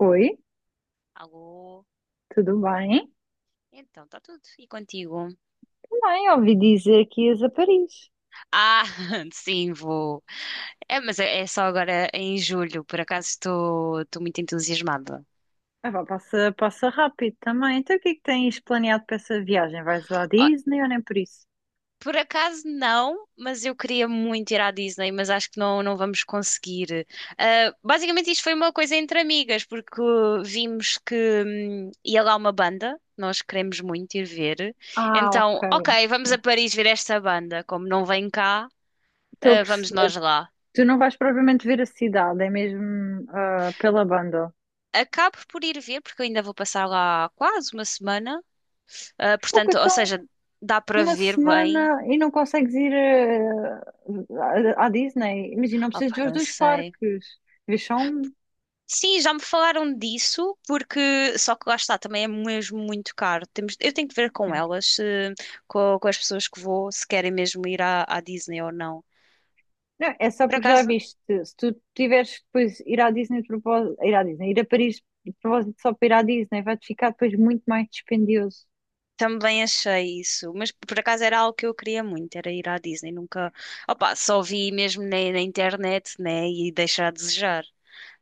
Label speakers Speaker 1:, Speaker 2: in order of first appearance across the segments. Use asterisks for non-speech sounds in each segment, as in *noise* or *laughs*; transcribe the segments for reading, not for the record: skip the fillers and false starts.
Speaker 1: Oi,
Speaker 2: Alô?
Speaker 1: tudo bem?
Speaker 2: Então, está tudo. E contigo?
Speaker 1: Bem, ouvi dizer que ias a Paris.
Speaker 2: Ah, *laughs* sim, vou. É, mas é só agora em julho. Por acaso estou muito entusiasmada.
Speaker 1: Ah, vá, passa, passa rápido também. Então, o que é que tens planeado para essa viagem? Vais à
Speaker 2: Ah,
Speaker 1: Disney ou nem por isso?
Speaker 2: por acaso não, mas eu queria muito ir à Disney, mas acho que não, não vamos conseguir. Ah, basicamente, isto foi uma coisa entre amigas, porque vimos que ia lá uma banda, nós queremos muito ir ver.
Speaker 1: Ah, ok.
Speaker 2: Então, ok, vamos a Paris ver esta banda. Como não vem cá,
Speaker 1: Estou a
Speaker 2: vamos
Speaker 1: perceber.
Speaker 2: nós lá.
Speaker 1: Tu não vais propriamente ver a cidade, é mesmo pela banda.
Speaker 2: Acabo por ir ver, porque eu ainda vou passar lá quase uma semana. Ah,
Speaker 1: Pouco,
Speaker 2: portanto, ou
Speaker 1: então,
Speaker 2: seja, dá para
Speaker 1: uma
Speaker 2: ver bem.
Speaker 1: semana e não consegues ir à Disney. Imagina, não precisas
Speaker 2: Opa,
Speaker 1: ver os
Speaker 2: não
Speaker 1: dois
Speaker 2: sei.
Speaker 1: parques. Vês só um.
Speaker 2: Sim, já me falaram disso, porque só que lá está, também é mesmo muito caro. Temos, eu tenho que ver com
Speaker 1: Sim.
Speaker 2: elas, com as pessoas que vou, se querem mesmo ir à, à Disney ou não.
Speaker 1: Não, é só
Speaker 2: Por
Speaker 1: porque já
Speaker 2: acaso
Speaker 1: viste, se tu tiveres que depois ir à Disney de propósito, ir à Disney, ir a Paris de propósito só para ir à Disney, vai-te ficar depois muito mais dispendioso.
Speaker 2: também achei isso, mas por acaso era algo que eu queria muito, era ir à Disney. Nunca, opa, só vi mesmo na, na internet, né? E deixar a desejar.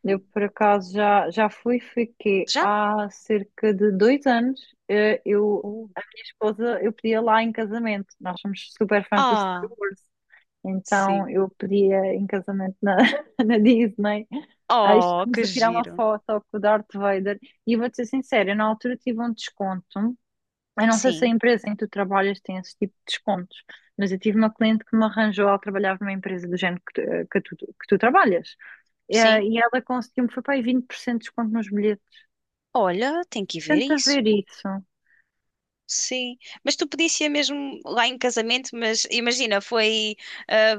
Speaker 1: Eu, por acaso, já fui, fiquei
Speaker 2: Já?
Speaker 1: há cerca de 2 anos. eh, Eu,
Speaker 2: Uh.
Speaker 1: a minha esposa, eu pedia lá em casamento. Nós somos super fãs do Star
Speaker 2: Ah.
Speaker 1: Wars, então
Speaker 2: Sim.
Speaker 1: eu pedia em casamento *laughs* na Disney. Aí
Speaker 2: Oh,
Speaker 1: estávamos
Speaker 2: que
Speaker 1: a tirar uma
Speaker 2: giro.
Speaker 1: foto com o Darth Vader. E eu vou-te ser sincera, eu na altura tive um desconto. Eu não sei se a
Speaker 2: Sim,
Speaker 1: empresa em que tu trabalhas tem esse tipo de descontos, mas eu tive uma cliente que me arranjou, ela trabalhava numa empresa do género que tu trabalhas. Eh,
Speaker 2: sim.
Speaker 1: e ela conseguiu-me, foi para aí 20% de desconto nos bilhetes.
Speaker 2: Olha, tem que ir ver
Speaker 1: Tenta
Speaker 2: isso.
Speaker 1: ver isso.
Speaker 2: Sim. Mas tu podias ir mesmo lá em casamento, mas imagina, foi, ah,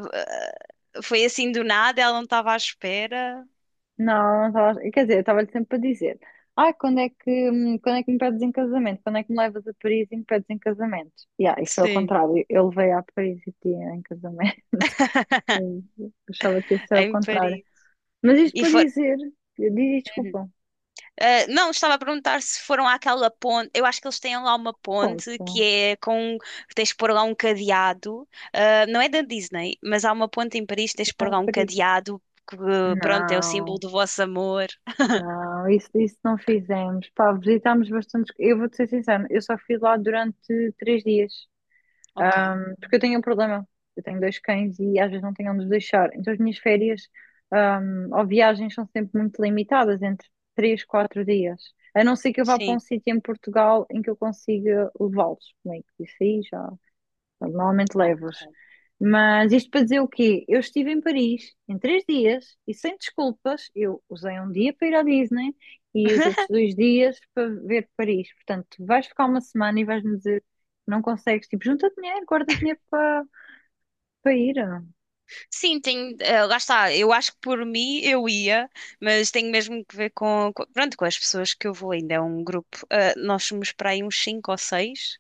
Speaker 2: foi assim do nada, ela não estava à espera.
Speaker 1: Não, não tava- quer dizer, eu estava-lhe sempre a dizer, ai, quando é que me pedes em casamento? Quando é que me levas a Paris e me pedes em casamento? Yeah, e foi ao
Speaker 2: Sim.
Speaker 1: contrário, eu levei a Paris e tinha em casamento. *laughs*
Speaker 2: *laughs*
Speaker 1: Eu achava que ia ser ao
Speaker 2: Em
Speaker 1: contrário.
Speaker 2: Paris.
Speaker 1: Mas isto
Speaker 2: E
Speaker 1: para
Speaker 2: for...
Speaker 1: dizer, eu digo,
Speaker 2: Uhum.
Speaker 1: desculpa,
Speaker 2: Não, estava a perguntar se foram àquela ponte. Eu acho que eles têm lá uma ponte que
Speaker 1: ponto.
Speaker 2: é com. Tens de pôr lá um cadeado. Não é da Disney, mas há uma ponte em Paris, tens de pôr
Speaker 1: Ai,
Speaker 2: lá um cadeado que, pronto, é o símbolo
Speaker 1: não,
Speaker 2: do vosso amor.
Speaker 1: não, isso não fizemos. Pá, visitámos bastante. Eu vou-te ser sincera, eu só fui lá durante 3 dias.
Speaker 2: Ok,
Speaker 1: Porque eu tenho um problema. Eu tenho dois cães e às vezes não tenho onde os deixar. Então as minhas férias, ou viagens são sempre muito limitadas, entre 3, 4 dias. A não ser que eu vá para
Speaker 2: sim.
Speaker 1: um sítio em Portugal em que eu consiga levá-los comigo. Isso aí já. Portanto, normalmente
Speaker 2: Ok.
Speaker 1: levo-os. Mas isto para dizer o quê? Eu estive em Paris em 3 dias e sem desculpas, eu usei um dia para ir à Disney e os outros
Speaker 2: *laughs*
Speaker 1: 2 dias para ver Paris. Portanto, tu vais ficar uma semana e vais-me dizer que não consegues. Tipo, junta dinheiro, guarda dinheiro para ir.
Speaker 2: Sim, tem, lá está. Eu acho que por mim eu ia, mas tenho mesmo que ver com, pronto, com as pessoas que eu vou. Ainda é um grupo. Nós somos para aí uns cinco ou seis.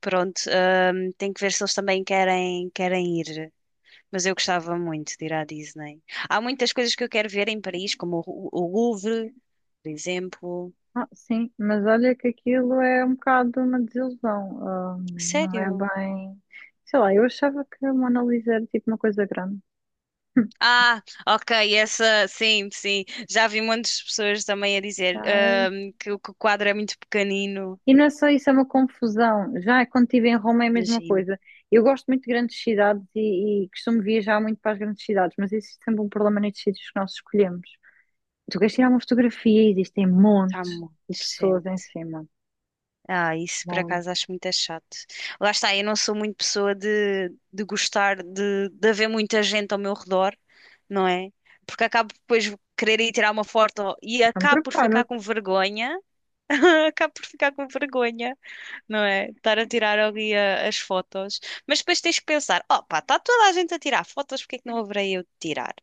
Speaker 2: Pronto, tem que ver se eles também querem, querem ir. Mas eu gostava muito de ir à Disney. Há muitas coisas que eu quero ver em Paris, como o Louvre, por exemplo.
Speaker 1: Ah, sim, mas olha que aquilo é um bocado uma desilusão. Não é
Speaker 2: Sério?
Speaker 1: bem. Sei lá, eu achava que a Mona Lisa era tipo uma coisa grande.
Speaker 2: Ah, ok, essa, sim, sim. Já vi muitas pessoas também a dizer, que, o quadro é muito pequenino.
Speaker 1: E não é só isso, é uma confusão. Já quando estive em Roma é a mesma
Speaker 2: Imagino,
Speaker 1: coisa. Eu gosto muito de grandes cidades e costumo viajar muito para as grandes cidades, mas existe sempre um problema nestes sítios que nós escolhemos. Tu queres tirar uma fotografia e existem
Speaker 2: está
Speaker 1: montes
Speaker 2: muito
Speaker 1: de pessoas em
Speaker 2: gente.
Speaker 1: cima.
Speaker 2: Ah, isso por
Speaker 1: Montes.
Speaker 2: acaso acho muito é chato. Lá está, eu não sou muito pessoa de gostar de haver muita gente ao meu redor, não é? Porque acabo depois de querer ir tirar uma foto e
Speaker 1: Então
Speaker 2: acabo por ficar com
Speaker 1: prepara-te.
Speaker 2: vergonha. *laughs* Acabo por ficar com vergonha, não é? Estar a tirar ali as fotos. Mas depois tens que pensar: oh pá, está toda a gente a tirar fotos, porque é que não haverei eu de tirar?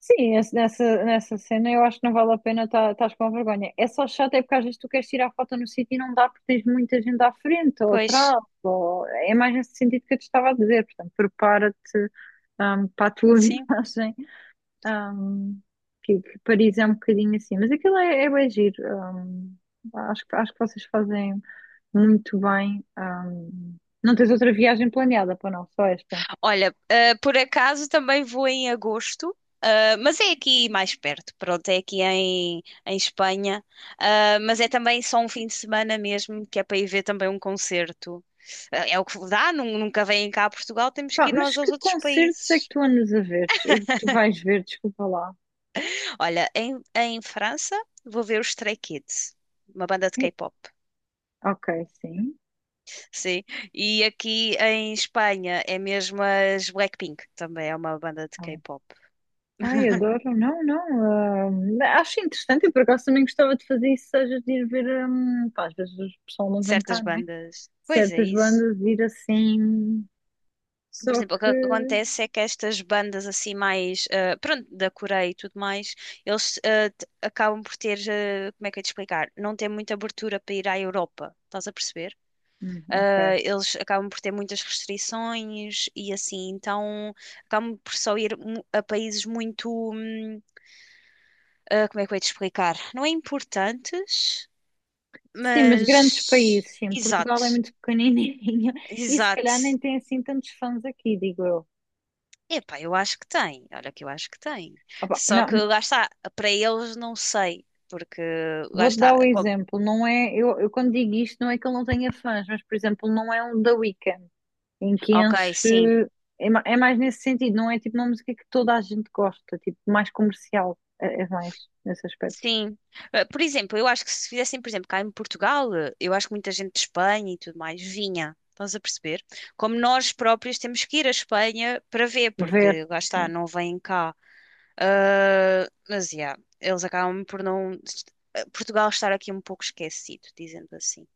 Speaker 1: Sim, nessa cena eu acho que não vale a pena estar com vergonha. É só chato, é porque às vezes tu queres tirar foto no sítio e não dá porque tens muita gente à frente ou
Speaker 2: Pois,
Speaker 1: atrás. Ou... é mais nesse sentido que eu te estava a dizer. Portanto, prepara-te para a tua *laughs*
Speaker 2: sim.
Speaker 1: viagem. Um, que Paris é um bocadinho assim, mas aquilo é bem giro. um, acho que vocês fazem muito bem. Não tens outra viagem planeada para não, só esta.
Speaker 2: Olha, por acaso também vou em agosto, ah, mas é aqui mais perto, pronto, é aqui em, em Espanha. Ah, mas é também só um fim de semana mesmo, que é para ir ver também um concerto. Ah, é o que dá, nunca vêm cá a Portugal, temos
Speaker 1: Pá,
Speaker 2: que ir
Speaker 1: mas
Speaker 2: nós aos
Speaker 1: que
Speaker 2: outros
Speaker 1: concertos é que
Speaker 2: países.
Speaker 1: tu andas a ver? Que tu vais ver, desculpa lá.
Speaker 2: Olha, em, em França vou ver os Stray Kids, uma banda de
Speaker 1: Eh,
Speaker 2: K-pop,
Speaker 1: Ok, sim.
Speaker 2: sim. E aqui em Espanha é mesmo as Blackpink, também é uma banda de
Speaker 1: Ah,
Speaker 2: K-pop.
Speaker 1: Ai, adoro. Não, não. Acho interessante. Eu, por acaso, também gostava de fazer isso, seja de ir ver. Pá, às vezes o pessoal não vem
Speaker 2: Certas
Speaker 1: cá, não é?
Speaker 2: bandas. Pois é
Speaker 1: Certas
Speaker 2: isso.
Speaker 1: bandas, ir assim.
Speaker 2: Por
Speaker 1: Só
Speaker 2: exemplo, o que
Speaker 1: que.
Speaker 2: acontece é que estas bandas assim mais, pronto, da Coreia e tudo mais, eles acabam por ter, eh, como é que eu ia te explicar? Não tem muita abertura para ir à Europa, estás a perceber? Ah,
Speaker 1: Ok.
Speaker 2: eles acabam por ter muitas restrições e assim, então acabam por só a países muito, ah, como é que eu ia te explicar? Não é importantes,
Speaker 1: Sim, mas grandes
Speaker 2: mas
Speaker 1: países, sim. Portugal é
Speaker 2: exato,
Speaker 1: muito pequenininho *laughs* e se calhar
Speaker 2: exato.
Speaker 1: nem tem assim tantos fãs aqui, digo eu.
Speaker 2: Epá, eu acho que tem, olha que eu acho que tem.
Speaker 1: Opa,
Speaker 2: Só
Speaker 1: não,
Speaker 2: que lá está, para eles não sei, porque lá
Speaker 1: vou-te dar o
Speaker 2: está,
Speaker 1: exemplo. Não é, eu quando digo isto, não é que ele não tenha fãs, mas por exemplo, não é um The Weeknd em que
Speaker 2: ok, sim.
Speaker 1: enche. É mais nesse sentido, não é tipo uma música que toda a gente gosta, tipo mais comercial. É mais nesse aspecto.
Speaker 2: Sim. Por exemplo, eu acho que se fizessem, por exemplo, cá em Portugal, eu acho que muita gente de Espanha e tudo mais vinha. Estás a perceber? Como nós próprios temos que ir à Espanha para ver,
Speaker 1: Ver.
Speaker 2: porque lá
Speaker 1: É.
Speaker 2: está, não vêm cá. Ah, mas, yeah, eles acabam por não. Portugal estar aqui um pouco esquecido, dizendo assim.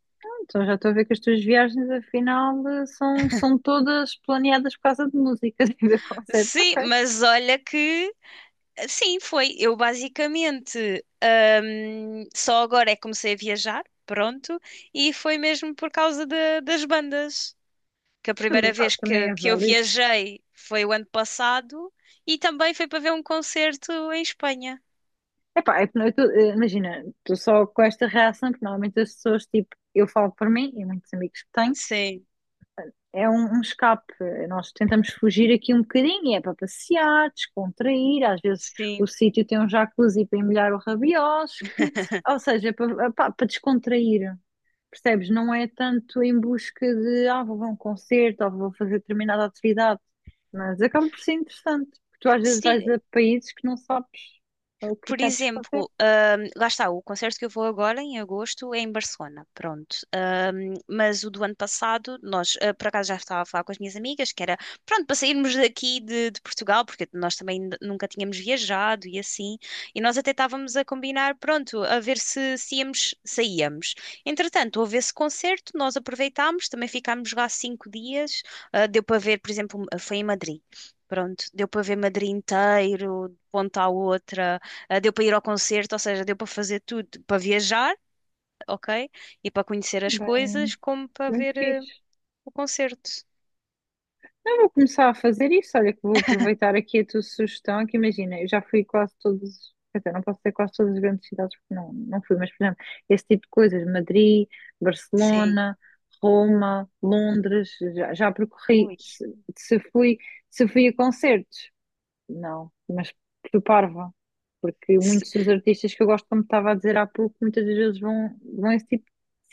Speaker 1: Então já estou a ver que as tuas viagens, afinal, são todas planeadas por causa de música *laughs* e ver concertos.
Speaker 2: Sim,
Speaker 1: Ok.
Speaker 2: mas olha que. Sim, foi. Eu basicamente só agora é que comecei a viajar, pronto, e foi mesmo por causa das bandas. Que a
Speaker 1: Tudo,
Speaker 2: primeira
Speaker 1: pá,
Speaker 2: vez
Speaker 1: também é
Speaker 2: que eu
Speaker 1: válido.
Speaker 2: viajei foi o ano passado e também foi para ver um concerto em Espanha.
Speaker 1: Epá, é que eu imagina, estou só com esta reação, porque normalmente as pessoas, tipo, eu falo por mim e muitos amigos que tenho,
Speaker 2: Sim,
Speaker 1: é um escape. Nós tentamos fugir aqui um bocadinho, é para passear, descontrair, às vezes o
Speaker 2: sim.
Speaker 1: sítio tem um jacuzzi para emulhar o rabiosque, ou seja, é para descontrair. Percebes? Não é tanto em busca de, vou ver um concerto ou vou fazer determinada atividade, mas acaba por ser interessante, porque tu às vezes vais
Speaker 2: Sim,
Speaker 1: a países que não sabes o que é
Speaker 2: por
Speaker 1: que há de se fazer.
Speaker 2: exemplo, lá está, o concerto que eu vou agora em agosto é em Barcelona, pronto. Mas o do ano passado, nós, ah, por acaso já estava a falar com as minhas amigas, que era, pronto, para sairmos daqui de Portugal, porque nós também nunca tínhamos viajado e assim, e nós até estávamos a combinar, pronto, a ver se, se íamos, saíamos. Entretanto, houve esse concerto, nós aproveitámos, também ficámos lá 5 dias, ah, deu para ver, por exemplo, foi em Madrid. Pronto, deu para ver Madrid inteiro, de ponta à outra. Ah, deu para ir ao concerto, ou seja, deu para fazer tudo, para viajar, ok? E para conhecer as
Speaker 1: Bem,
Speaker 2: coisas, como para
Speaker 1: bem
Speaker 2: ver
Speaker 1: fixe.
Speaker 2: o concerto.
Speaker 1: Eu vou começar a fazer isso. Olha, que vou aproveitar aqui a tua sugestão. Que imagina, eu já fui quase todas, quer dizer, não posso dizer quase todas as grandes cidades, porque não, não fui, mas por exemplo, esse tipo de coisas: Madrid,
Speaker 2: Sim.
Speaker 1: Barcelona, Roma, Londres, já percorri.
Speaker 2: Ui.
Speaker 1: Se fui, se fui a concertos, não, mas fui parva, porque
Speaker 2: S-
Speaker 1: muitos dos artistas que eu gosto, como estava a dizer há pouco, muitas das vezes vão a esse tipo de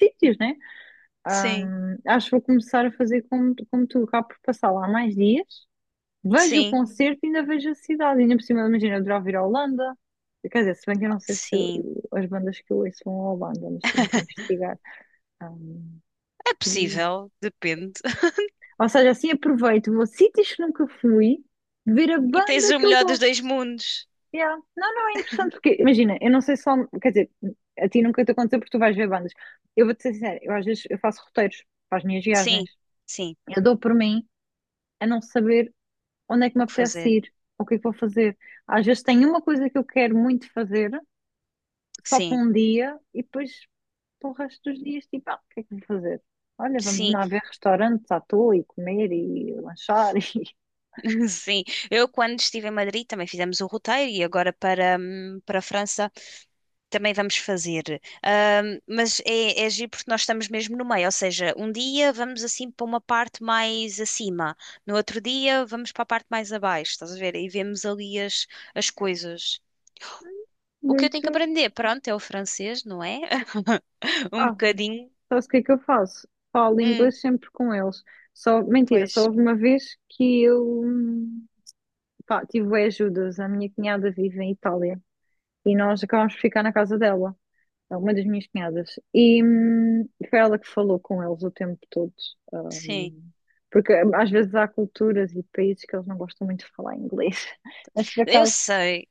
Speaker 1: sítios, né?
Speaker 2: Sim.
Speaker 1: Acho que vou começar a fazer como tu, acabo por passar lá mais dias, vejo o
Speaker 2: Sim.
Speaker 1: concerto e ainda vejo a cidade. Ainda por cima, imagina, eu adorava ir à Holanda. Quer dizer, se bem que eu não sei se
Speaker 2: Sim.
Speaker 1: as bandas que eu ouço vão à Holanda, mas tenho que
Speaker 2: *laughs*
Speaker 1: investigar. Hum,
Speaker 2: É
Speaker 1: e-
Speaker 2: possível, depende. *laughs*
Speaker 1: Ou seja, assim aproveito, vou a sítios que nunca fui, ver a
Speaker 2: E tens
Speaker 1: banda
Speaker 2: o
Speaker 1: que eu
Speaker 2: melhor dos
Speaker 1: gosto.
Speaker 2: dois mundos.
Speaker 1: Yeah. Não, não, é interessante porque, imagina, eu não sei só, quer dizer, a ti nunca te aconteceu porque tu vais ver bandas. Eu vou-te ser sincera, eu às vezes eu faço roteiros para as minhas viagens.
Speaker 2: Sim, sim.
Speaker 1: Eu dou por mim a não saber onde é que me
Speaker 2: O que
Speaker 1: apetece
Speaker 2: fazer?
Speaker 1: ir, ou o que é que vou fazer. Às vezes tenho uma coisa que eu quero muito fazer, só para
Speaker 2: Sim,
Speaker 1: um dia, e depois para o resto dos dias, tipo, o que é que vou fazer? Olha, vamos
Speaker 2: sim,
Speaker 1: lá ver restaurantes à toa e comer e lanchar *laughs* e
Speaker 2: *laughs* sim. Eu, quando estive em Madrid, também fizemos o roteiro e agora para, para a França. Também vamos fazer. Mas é, é agir porque nós estamos mesmo no meio, ou seja, um dia vamos assim para uma parte mais acima, no outro dia vamos para a parte mais abaixo, estás a ver? E vemos ali as, as coisas. O que eu tenho que
Speaker 1: muito.
Speaker 2: aprender, pronto, é o francês, não é? *laughs* Um
Speaker 1: Ah,
Speaker 2: bocadinho.
Speaker 1: sabes o que é que eu faço? Falo
Speaker 2: Hum,
Speaker 1: inglês sempre com eles. Só, mentira, só
Speaker 2: pois,
Speaker 1: houve uma vez que eu pá, tive bué ajudas. A minha cunhada vive em Itália e nós acabámos por ficar na casa dela. É uma das minhas cunhadas. E foi ela que falou com eles o tempo todo.
Speaker 2: sim.
Speaker 1: hum, porque às vezes há culturas e países que eles não gostam muito de falar inglês. *laughs* Mas por
Speaker 2: Eu
Speaker 1: acaso,
Speaker 2: sei.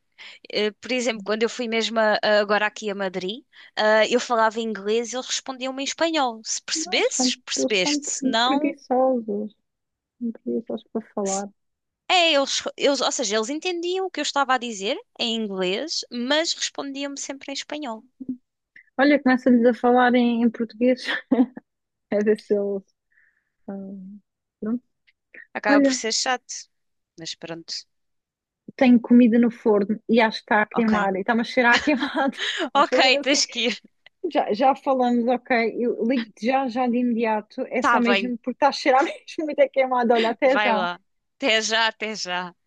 Speaker 2: Por exemplo, quando eu fui mesmo agora aqui a Madrid, ah, eu falava inglês e eles respondiam-me em espanhol. Se
Speaker 1: não, eles são,
Speaker 2: percebesses,
Speaker 1: eles são
Speaker 2: percebeste. Se não.
Speaker 1: preguiçosos. São preguiçosos para falar.
Speaker 2: É, eles, ou seja, eles entendiam o que eu estava a dizer em inglês, mas respondiam-me sempre em espanhol.
Speaker 1: Olha, começa-lhes a falar em português. *laughs* A ver se eles. hum, pronto.
Speaker 2: Acaba por
Speaker 1: Olha,
Speaker 2: ser chato, mas pronto.
Speaker 1: tenho comida no forno e acho que está a
Speaker 2: Ok.
Speaker 1: queimar e está-me a cheirar a queimado.
Speaker 2: *laughs*
Speaker 1: *laughs* Vamos
Speaker 2: Ok,
Speaker 1: fazer assim.
Speaker 2: tens que ir.
Speaker 1: Já, já falamos, ok. Eu ligo-te já, já de imediato. É só
Speaker 2: Tá bem,
Speaker 1: mesmo porque está a cheirar *laughs* mesmo muito a queimado. Olha, até
Speaker 2: vai
Speaker 1: já.
Speaker 2: lá. Até já, até já.